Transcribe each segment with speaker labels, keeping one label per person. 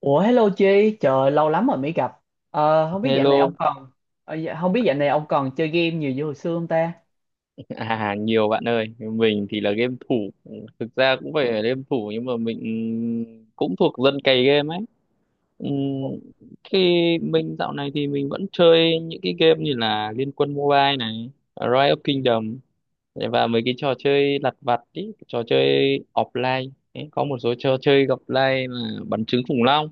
Speaker 1: Ủa hello Chi, trời lâu lắm rồi mới gặp. Không biết dạo này ông
Speaker 2: Hello,
Speaker 1: còn không biết dạo này ông còn chơi game nhiều như hồi xưa không ta?
Speaker 2: à nhiều bạn ơi, mình thì là game thủ, thực ra cũng phải là game thủ nhưng mà mình cũng thuộc dân cày game ấy. Ừm, Khi mình dạo này thì mình vẫn chơi những cái game như là Liên Quân Mobile này, Rise of Kingdom và mấy cái trò chơi lặt vặt ý, trò chơi offline. Đấy, có một số trò chơi offline là bắn trứng khủng long.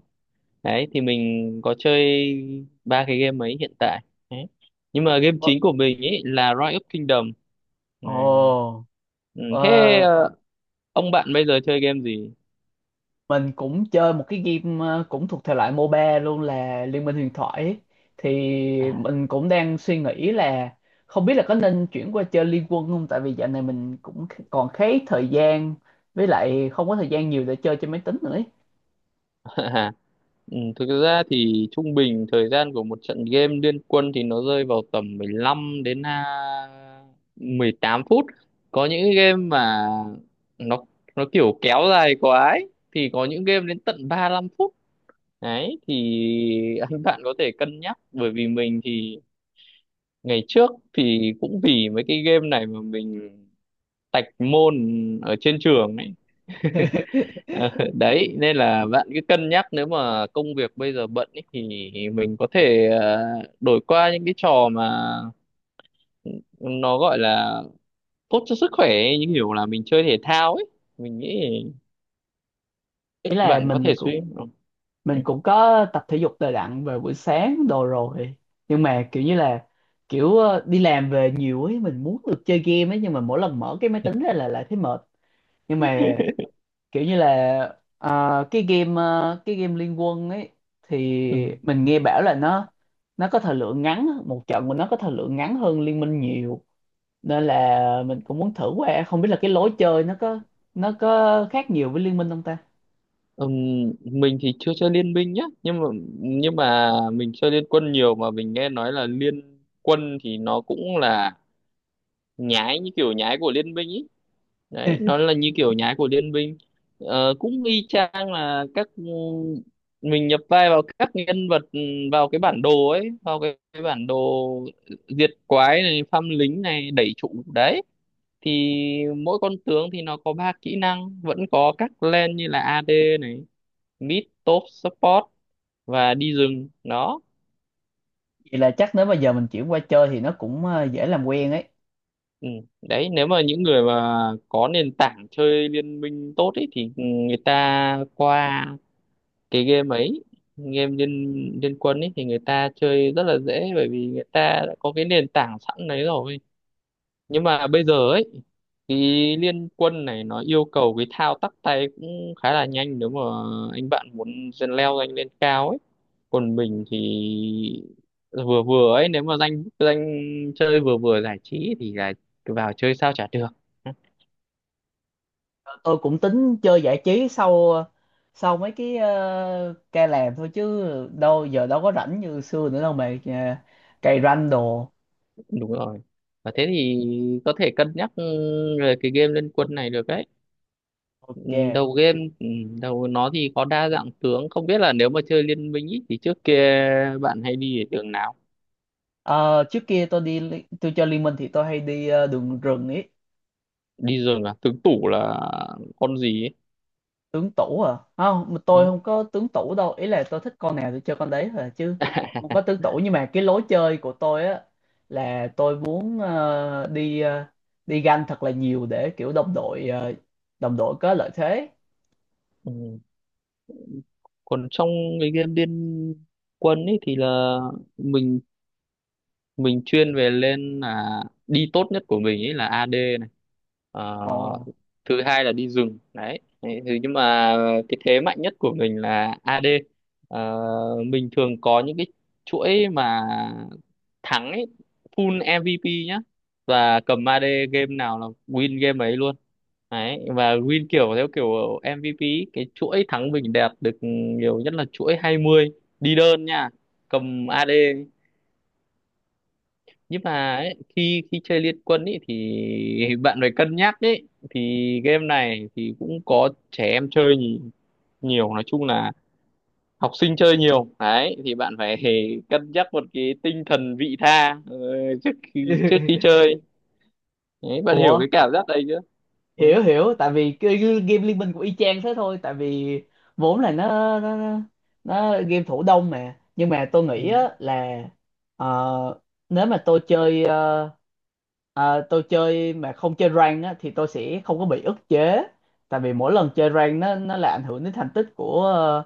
Speaker 2: Đấy thì mình có chơi ba cái game ấy hiện tại. Đấy. Nhưng mà game
Speaker 1: Ủa,
Speaker 2: chính của mình ấy là Rise of Kingdom.
Speaker 1: Ồ,
Speaker 2: Ừ,
Speaker 1: ờ,
Speaker 2: thế ông bạn bây giờ chơi game gì?
Speaker 1: mình cũng chơi một cái game cũng thuộc thể loại MOBA luôn là Liên minh huyền thoại ấy. Thì mình cũng đang suy nghĩ là không biết là có nên chuyển qua chơi Liên quân không? Tại vì dạo này mình cũng còn khá ít thời gian với lại không có thời gian nhiều để chơi trên máy tính nữa ấy.
Speaker 2: Ừ, thực ra thì trung bình thời gian của một trận game liên quân thì nó rơi vào tầm 15 đến 18 phút. Có những game mà nó nó kiểu kéo dài quá ấy, thì có những game đến tận 35 phút. Đấy thì anh bạn có thể cân nhắc bởi vì mình thì ngày trước thì cũng vì mấy cái game này mà mình tạch môn ở trên trường ấy. Ờ, đấy nên là bạn cứ cân nhắc nếu mà công việc bây giờ bận ý, thì mình có thể đổi qua những cái trò mà nó gọi là tốt cho sức khỏe ấy, như kiểu là mình chơi thể thao ấy mình nghĩ
Speaker 1: Ý là
Speaker 2: bạn có
Speaker 1: mình
Speaker 2: thể
Speaker 1: cũng
Speaker 2: Ừ.
Speaker 1: Mình cũng có tập thể dục đều đặn về buổi sáng đồ rồi nhưng mà kiểu như là kiểu đi làm về nhiều ấy, mình muốn được chơi game ấy nhưng mà mỗi lần mở cái máy tính ra là lại thấy mệt, nhưng mà kiểu như là cái game Liên Quân ấy thì
Speaker 2: Ừ.
Speaker 1: mình nghe bảo là nó có thời lượng ngắn, một trận của nó có thời lượng ngắn hơn Liên Minh nhiều, nên là mình cũng muốn thử qua, không biết là cái lối chơi nó có khác nhiều với Liên Minh không ta.
Speaker 2: Ừm, mình thì chưa chơi liên minh nhá nhưng mà mình chơi liên quân nhiều mà mình nghe nói là liên quân thì nó cũng là nhái như kiểu nhái của liên minh ý, đấy nó là như kiểu nhái của Liên Minh. Ờ, cũng y chang là các mình nhập vai vào các nhân vật, vào cái bản đồ ấy, vào cái bản đồ diệt quái này, phăm lính này, đẩy trụ đấy, thì mỗi con tướng thì nó có ba kỹ năng, vẫn có các lane như là AD này, mid top support và đi rừng đó.
Speaker 1: Vậy là chắc nếu mà giờ mình chuyển qua chơi thì nó cũng dễ làm quen ấy.
Speaker 2: Ừ, đấy nếu mà những người mà có nền tảng chơi liên minh tốt ấy, thì người ta qua cái game ấy, game liên liên quân ấy, thì người ta chơi rất là dễ bởi vì người ta đã có cái nền tảng sẵn đấy rồi. Nhưng mà bây giờ ấy, cái liên quân này nó yêu cầu cái thao tác tay cũng khá là nhanh nếu mà anh bạn muốn dần leo anh lên cao ấy, còn mình thì vừa vừa ấy, nếu mà danh danh chơi vừa vừa giải trí thì là vào chơi sao chả được.
Speaker 1: Tôi cũng tính chơi giải trí sau sau mấy cái ca làm thôi, chứ đâu có rảnh như xưa nữa đâu mà cày ranh đồ.
Speaker 2: Đúng rồi, và thế thì có thể cân nhắc về cái game liên quân này được đấy. Ừ,
Speaker 1: Ok.
Speaker 2: đầu game, đầu nó thì có đa dạng tướng, không biết là nếu mà chơi liên minh ý, thì trước kia bạn hay đi ở đường nào?
Speaker 1: Ờ, trước kia tôi chơi Liên Minh thì tôi hay đi đường rừng ấy.
Speaker 2: Đi rừng à, tướng tủ là con gì ấy?
Speaker 1: Tướng tủ à, không, mà tôi
Speaker 2: Ừ.
Speaker 1: không có tướng tủ đâu, ý là tôi thích con nào thì chơi con đấy thôi à, chứ không có tướng tủ. Nhưng mà cái lối chơi của tôi á là tôi muốn đi ganh thật là nhiều để kiểu đồng đội đồng đội có lợi thế.
Speaker 2: Ừ. Còn trong cái game liên quân ấy thì là mình mình chuyên về lên, là đi tốt nhất của mình ấy là AD. Ờ,
Speaker 1: Ồ.
Speaker 2: thứ hai là đi rừng đấy. Đấy, thế nhưng mà cái thế mạnh nhất của mình là AD. Ờ, mình thường có những cái chuỗi mà thắng ấy, full MVP nhá, và cầm AD game nào là win game ấy luôn đấy, và win kiểu theo kiểu MVP ý, cái chuỗi thắng bình đẹp được nhiều nhất là chuỗi 20, đi đơn nha, cầm AD. Nhưng mà ấy, khi khi chơi Liên Quân ấy thì bạn phải cân nhắc ấy, thì game này thì cũng có trẻ em chơi nhiều, nói chung là học sinh chơi nhiều đấy, thì bạn phải cân nhắc một cái tinh thần vị tha trước khi chơi. Đấy, bạn hiểu
Speaker 1: Ủa,
Speaker 2: cái cảm giác đấy chưa? Ừ.
Speaker 1: hiểu hiểu, tại vì cái game Liên Minh của y chang thế thôi, tại vì vốn là nó nó nó game thủ đông mà, nhưng mà tôi
Speaker 2: Ừ.
Speaker 1: nghĩ á là ờ, nếu mà tôi chơi ờ, Ờ, tôi chơi mà không chơi rank á, thì tôi sẽ không có bị ức chế, tại vì mỗi lần chơi rank nó là ảnh hưởng đến thành tích của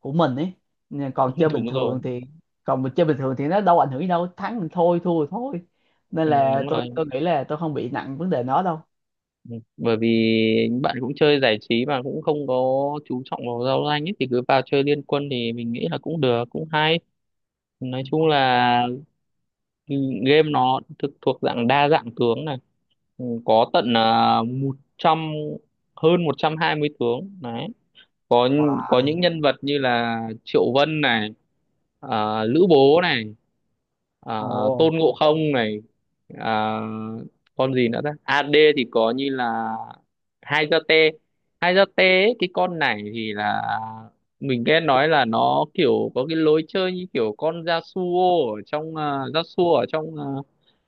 Speaker 1: của mình ấy. Nhưng còn chơi bình
Speaker 2: Đúng rồi.
Speaker 1: thường thì, còn mình chơi bình thường thì nó đâu ảnh hưởng gì đâu, thắng thì thôi thua thì thôi, nên
Speaker 2: Ừ,
Speaker 1: là
Speaker 2: đúng rồi.
Speaker 1: tôi nghĩ là tôi không bị nặng vấn đề nó đâu.
Speaker 2: Ừ, bởi vì bạn cũng chơi giải trí mà cũng không có chú trọng vào giao danh ấy, thì cứ vào chơi Liên Quân thì mình nghĩ là cũng được, cũng hay. Nói chung là, ừ, game nó thực thuộc dạng đa dạng tướng này. Ừ, có tận 100 hơn 120 tướng đấy, có có
Speaker 1: Wow.
Speaker 2: những nhân vật như là Triệu Vân này, Lữ Bố này, ờ,
Speaker 1: Ồ.
Speaker 2: Tôn Ngộ Không này, ờ, con gì nữa ta? AD thì có như là Hai Gia Tê. Hai Gia Tê ấy, cái con này thì là mình nghe nói là nó kiểu có cái lối chơi như kiểu con Yasuo ở trong,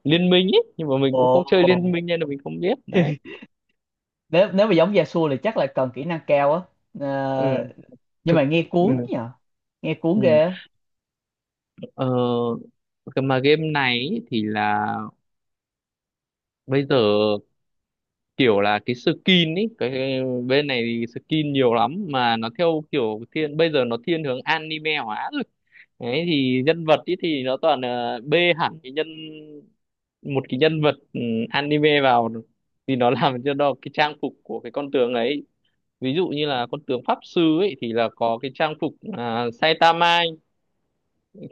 Speaker 2: liên minh ấy, nhưng mà mình cũng không chơi
Speaker 1: Ồ.
Speaker 2: liên minh nên là mình không biết đấy.
Speaker 1: Nếu nếu mà giống Yasuo thì chắc là cần kỹ năng cao á.
Speaker 2: Ừ,
Speaker 1: Ờ, nhưng
Speaker 2: thực,
Speaker 1: mà nghe
Speaker 2: ừ,
Speaker 1: cuốn nhỉ, nghe cuốn
Speaker 2: ừ.
Speaker 1: ghê á.
Speaker 2: Ờ, cái mà game này ý thì là bây giờ, kiểu là cái skin ấy, cái bên này thì skin nhiều lắm mà nó theo kiểu thiên, bây giờ nó thiên hướng anime hóa rồi. Đấy, thì nhân vật ấy thì nó toàn là bê hẳn cái nhân một cái nhân vật, anime vào, thì nó làm cho nó cái trang phục của cái con tướng ấy. Ví dụ như là con tướng pháp sư ấy thì là có cái trang phục, Saitama ấy.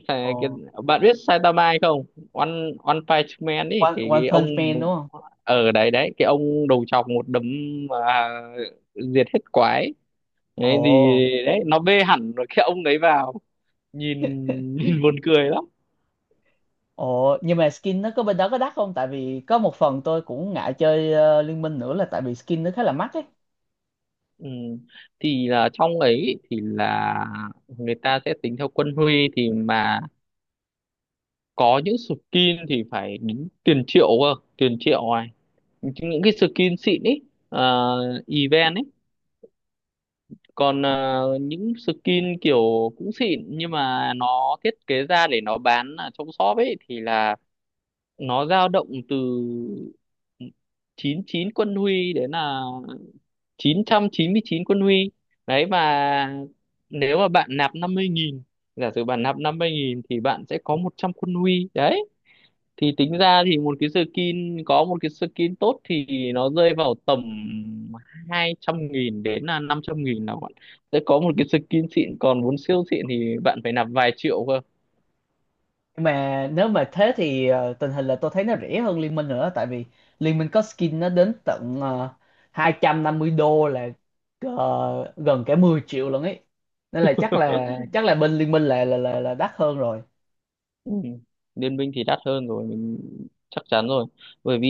Speaker 2: Cái, cái,
Speaker 1: Ồ.
Speaker 2: bạn biết Saitama hay không? One One Punch Man ấy,
Speaker 1: One,
Speaker 2: cái,
Speaker 1: One
Speaker 2: cái ông
Speaker 1: Punch Man đúng không?
Speaker 2: ở đấy đấy, cái ông đầu chọc một đấm mà diệt hết quái đấy, thì
Speaker 1: Ồ.
Speaker 2: đấy nó bê hẳn rồi cái ông đấy vào, nhìn nhìn buồn cười lắm.
Speaker 1: Ồ, nhưng mà skin nó có bên đó có đắt không? Tại vì có một phần tôi cũng ngại chơi Liên Minh nữa là tại vì skin nó khá là mắc ấy.
Speaker 2: Ừ, thì là trong ấy thì là người ta sẽ tính theo quân huy, thì mà có những skin thì phải đến tiền triệu cơ, tiền triệu này, những cái skin xịn ấy, event ấy. Còn những skin kiểu cũng xịn nhưng mà nó thiết kế ra để nó bán ở trong shop ấy, thì là nó dao động từ 99 quân huy đến là 999 quân huy đấy, và nếu mà bạn nạp 50 nghìn, giả sử bạn nạp 50 nghìn thì bạn sẽ có 100 quân huy đấy. Thì tính ra thì một cái skin, có một cái skin tốt thì nó rơi vào tầm 200.000 đến là 500.000 là bạn sẽ có một cái skin xịn, còn muốn siêu xịn thì bạn phải nạp vài triệu cơ.
Speaker 1: Nhưng mà nếu mà thế thì tình hình là tôi thấy nó rẻ hơn Liên Minh nữa, tại vì Liên Minh có skin nó đến tận 250 đô, là gần cả 10 triệu luôn ấy. Nên là chắc là bên Liên Minh là là đắt hơn rồi.
Speaker 2: Ừ, Liên minh thì đắt hơn rồi, mình chắc chắn rồi, bởi vì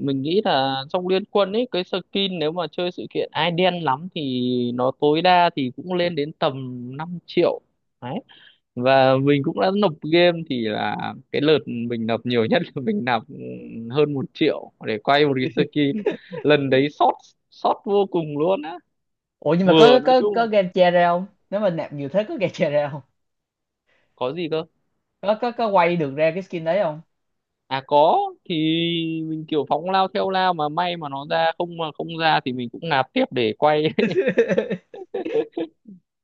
Speaker 2: mình nghĩ là trong Liên quân ấy cái skin nếu mà chơi sự kiện ai đen lắm thì nó tối đa thì cũng lên đến tầm 5 triệu. Và mình cũng đã nộp game thì là cái lượt mình nộp nhiều nhất là mình nạp hơn 1 triệu để quay một cái skin. Lần đấy sót, sót vô cùng luôn á.
Speaker 1: Ủa nhưng mà
Speaker 2: Vừa, nói chung,
Speaker 1: có game che ra không? Nếu mà nạp nhiều thế có game che ra không?
Speaker 2: có gì cơ?
Speaker 1: Có quay được ra cái skin đấy không?
Speaker 2: À, có. Thì mình kiểu phóng lao theo lao, mà may mà nó ra, không mà không ra thì mình cũng nạp tiếp để quay.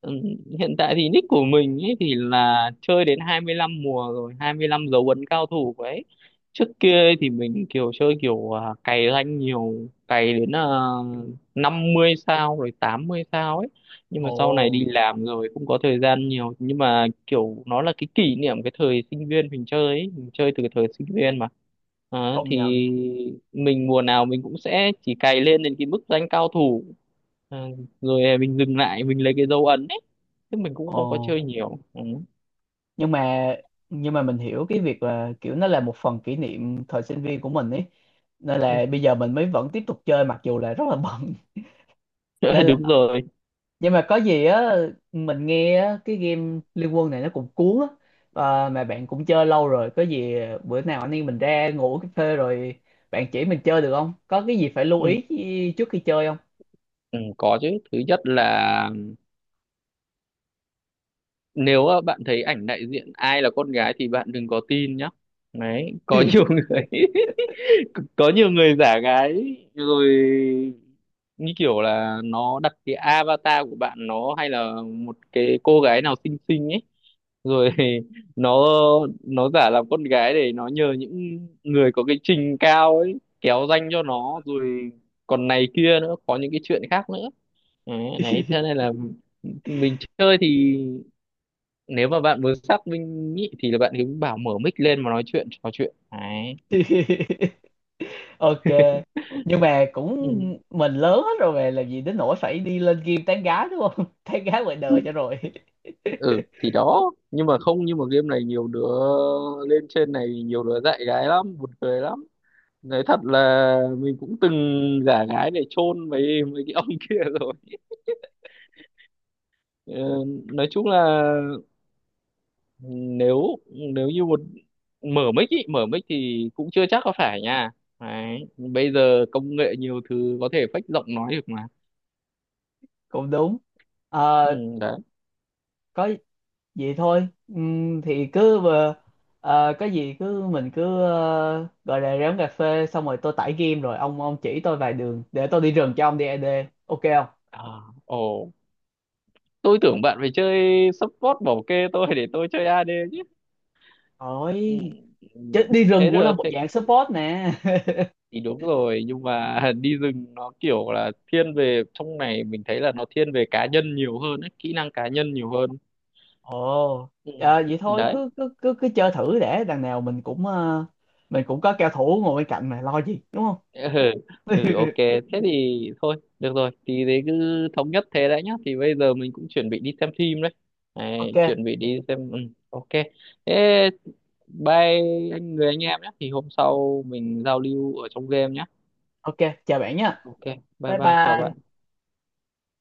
Speaker 2: Ừm, Hiện tại thì nick của mình ấy thì là chơi đến 25 mùa rồi, 25 dấu ấn cao thủ ấy. Trước kia ấy thì mình kiểu chơi kiểu, cày rank nhiều, cày đến, uh, 50 sao rồi 80 sao ấy, nhưng mà sau này đi
Speaker 1: Ồ,
Speaker 2: làm rồi không có thời gian nhiều, nhưng mà kiểu nó là cái kỷ niệm cái thời sinh viên mình chơi ấy, mình chơi từ cái thời sinh viên mà. Đó,
Speaker 1: không
Speaker 2: thì
Speaker 1: nhận.
Speaker 2: mình mùa nào mình cũng sẽ chỉ cày lên đến cái mức rank cao thủ. Ờ, rồi, mình dừng lại, mình lấy cái dấu ấn ấy, chứ mình cũng không có
Speaker 1: Ồ.
Speaker 2: chơi nhiều. Ừ.
Speaker 1: nhưng mà nhưng mà mình hiểu cái việc là kiểu nó là một phần kỷ niệm thời sinh viên của mình ấy, nên là bây giờ mình mới vẫn tiếp tục chơi mặc dù là rất là bận.
Speaker 2: Ừ,
Speaker 1: Nên
Speaker 2: đúng
Speaker 1: là,
Speaker 2: rồi.
Speaker 1: nhưng mà có gì á, mình nghe á, cái game Liên Quân này nó cũng cuốn á. Ờ, mà bạn cũng chơi lâu rồi, có gì bữa nào anh em mình ra ngủ uống cà phê rồi bạn chỉ mình chơi được không, có cái gì phải lưu
Speaker 2: Ừ.
Speaker 1: ý trước khi chơi không?
Speaker 2: Ừ, có chứ, thứ nhất là nếu bạn thấy ảnh đại diện ai là con gái thì bạn đừng có tin nhá. Đấy, có nhiều người có nhiều người giả gái rồi, như kiểu là nó đặt cái avatar của bạn nó hay là một cái cô gái nào xinh xinh ấy, rồi nó nó giả làm con gái để nó nhờ những người có cái trình cao ấy kéo danh cho nó, rồi còn này kia nữa, có những cái chuyện khác nữa. Đấy, đấy thế nên là mình chơi thì nếu mà bạn muốn xác minh nhị thì là bạn cứ bảo mở mic lên mà nói chuyện, trò chuyện đấy.
Speaker 1: Ok, nhưng mà
Speaker 2: Ừ,
Speaker 1: cũng mình lớn hết rồi mà, làm gì đến nỗi phải đi lên game tán gái, đúng không? Tán gái ngoài đời cho rồi.
Speaker 2: ừ thì đó, nhưng mà không, nhưng mà game này nhiều đứa lên trên này, nhiều đứa dạy gái lắm, buồn cười lắm. Nói thật là mình cũng từng giả gái để chôn mấy mấy cái ông kia rồi. Ờ, nói chung là, ừ, nếu nếu như mở mic ý, mở mic thì cũng chưa chắc có phải nha. Đấy, bây giờ công nghệ nhiều thứ có thể fake giọng nói được mà.
Speaker 1: Cũng đúng.
Speaker 2: Ừ,
Speaker 1: Ờ,
Speaker 2: đấy,
Speaker 1: có gì thôi. Thì cứ có gì cứ mình cứ gọi là ráng cà phê xong rồi tôi tải game rồi ông chỉ tôi vài đường để tôi đi rừng cho ông đi AD, ok không?
Speaker 2: à, ồ, tôi tưởng bạn phải chơi support bảo kê tôi để tôi chơi AD chứ. Ừ.
Speaker 1: Ôi,
Speaker 2: Ừ.
Speaker 1: chứ đi rừng
Speaker 2: Thế
Speaker 1: cũng là
Speaker 2: được
Speaker 1: một
Speaker 2: thế,
Speaker 1: dạng support nè.
Speaker 2: thì đúng rồi, nhưng mà đi rừng nó kiểu là thiên về, trong này mình thấy là nó thiên về cá nhân nhiều hơn ấy, kỹ năng cá nhân nhiều hơn.
Speaker 1: Ồ,
Speaker 2: Ừ,
Speaker 1: à, vậy thôi
Speaker 2: đấy.
Speaker 1: cứ cứ cứ cứ chơi thử, để đằng nào mình cũng mình cũng có cao thủ ngồi bên cạnh mà lo gì đúng không?
Speaker 2: Ừ. Ừ, ok, thế thì thôi được rồi, thì thế cứ thống nhất thế đấy nhá, thì bây giờ mình cũng chuẩn bị đi xem phim đấy,
Speaker 1: Ok,
Speaker 2: đấy, chuẩn bị đi xem. Ừ. Ok, thế bye anh, người anh em nhé, thì hôm sau mình giao lưu ở trong game nhé.
Speaker 1: ok, chào bạn nha.
Speaker 2: Ok, bye
Speaker 1: Bye
Speaker 2: bye, chào
Speaker 1: bye.
Speaker 2: bạn.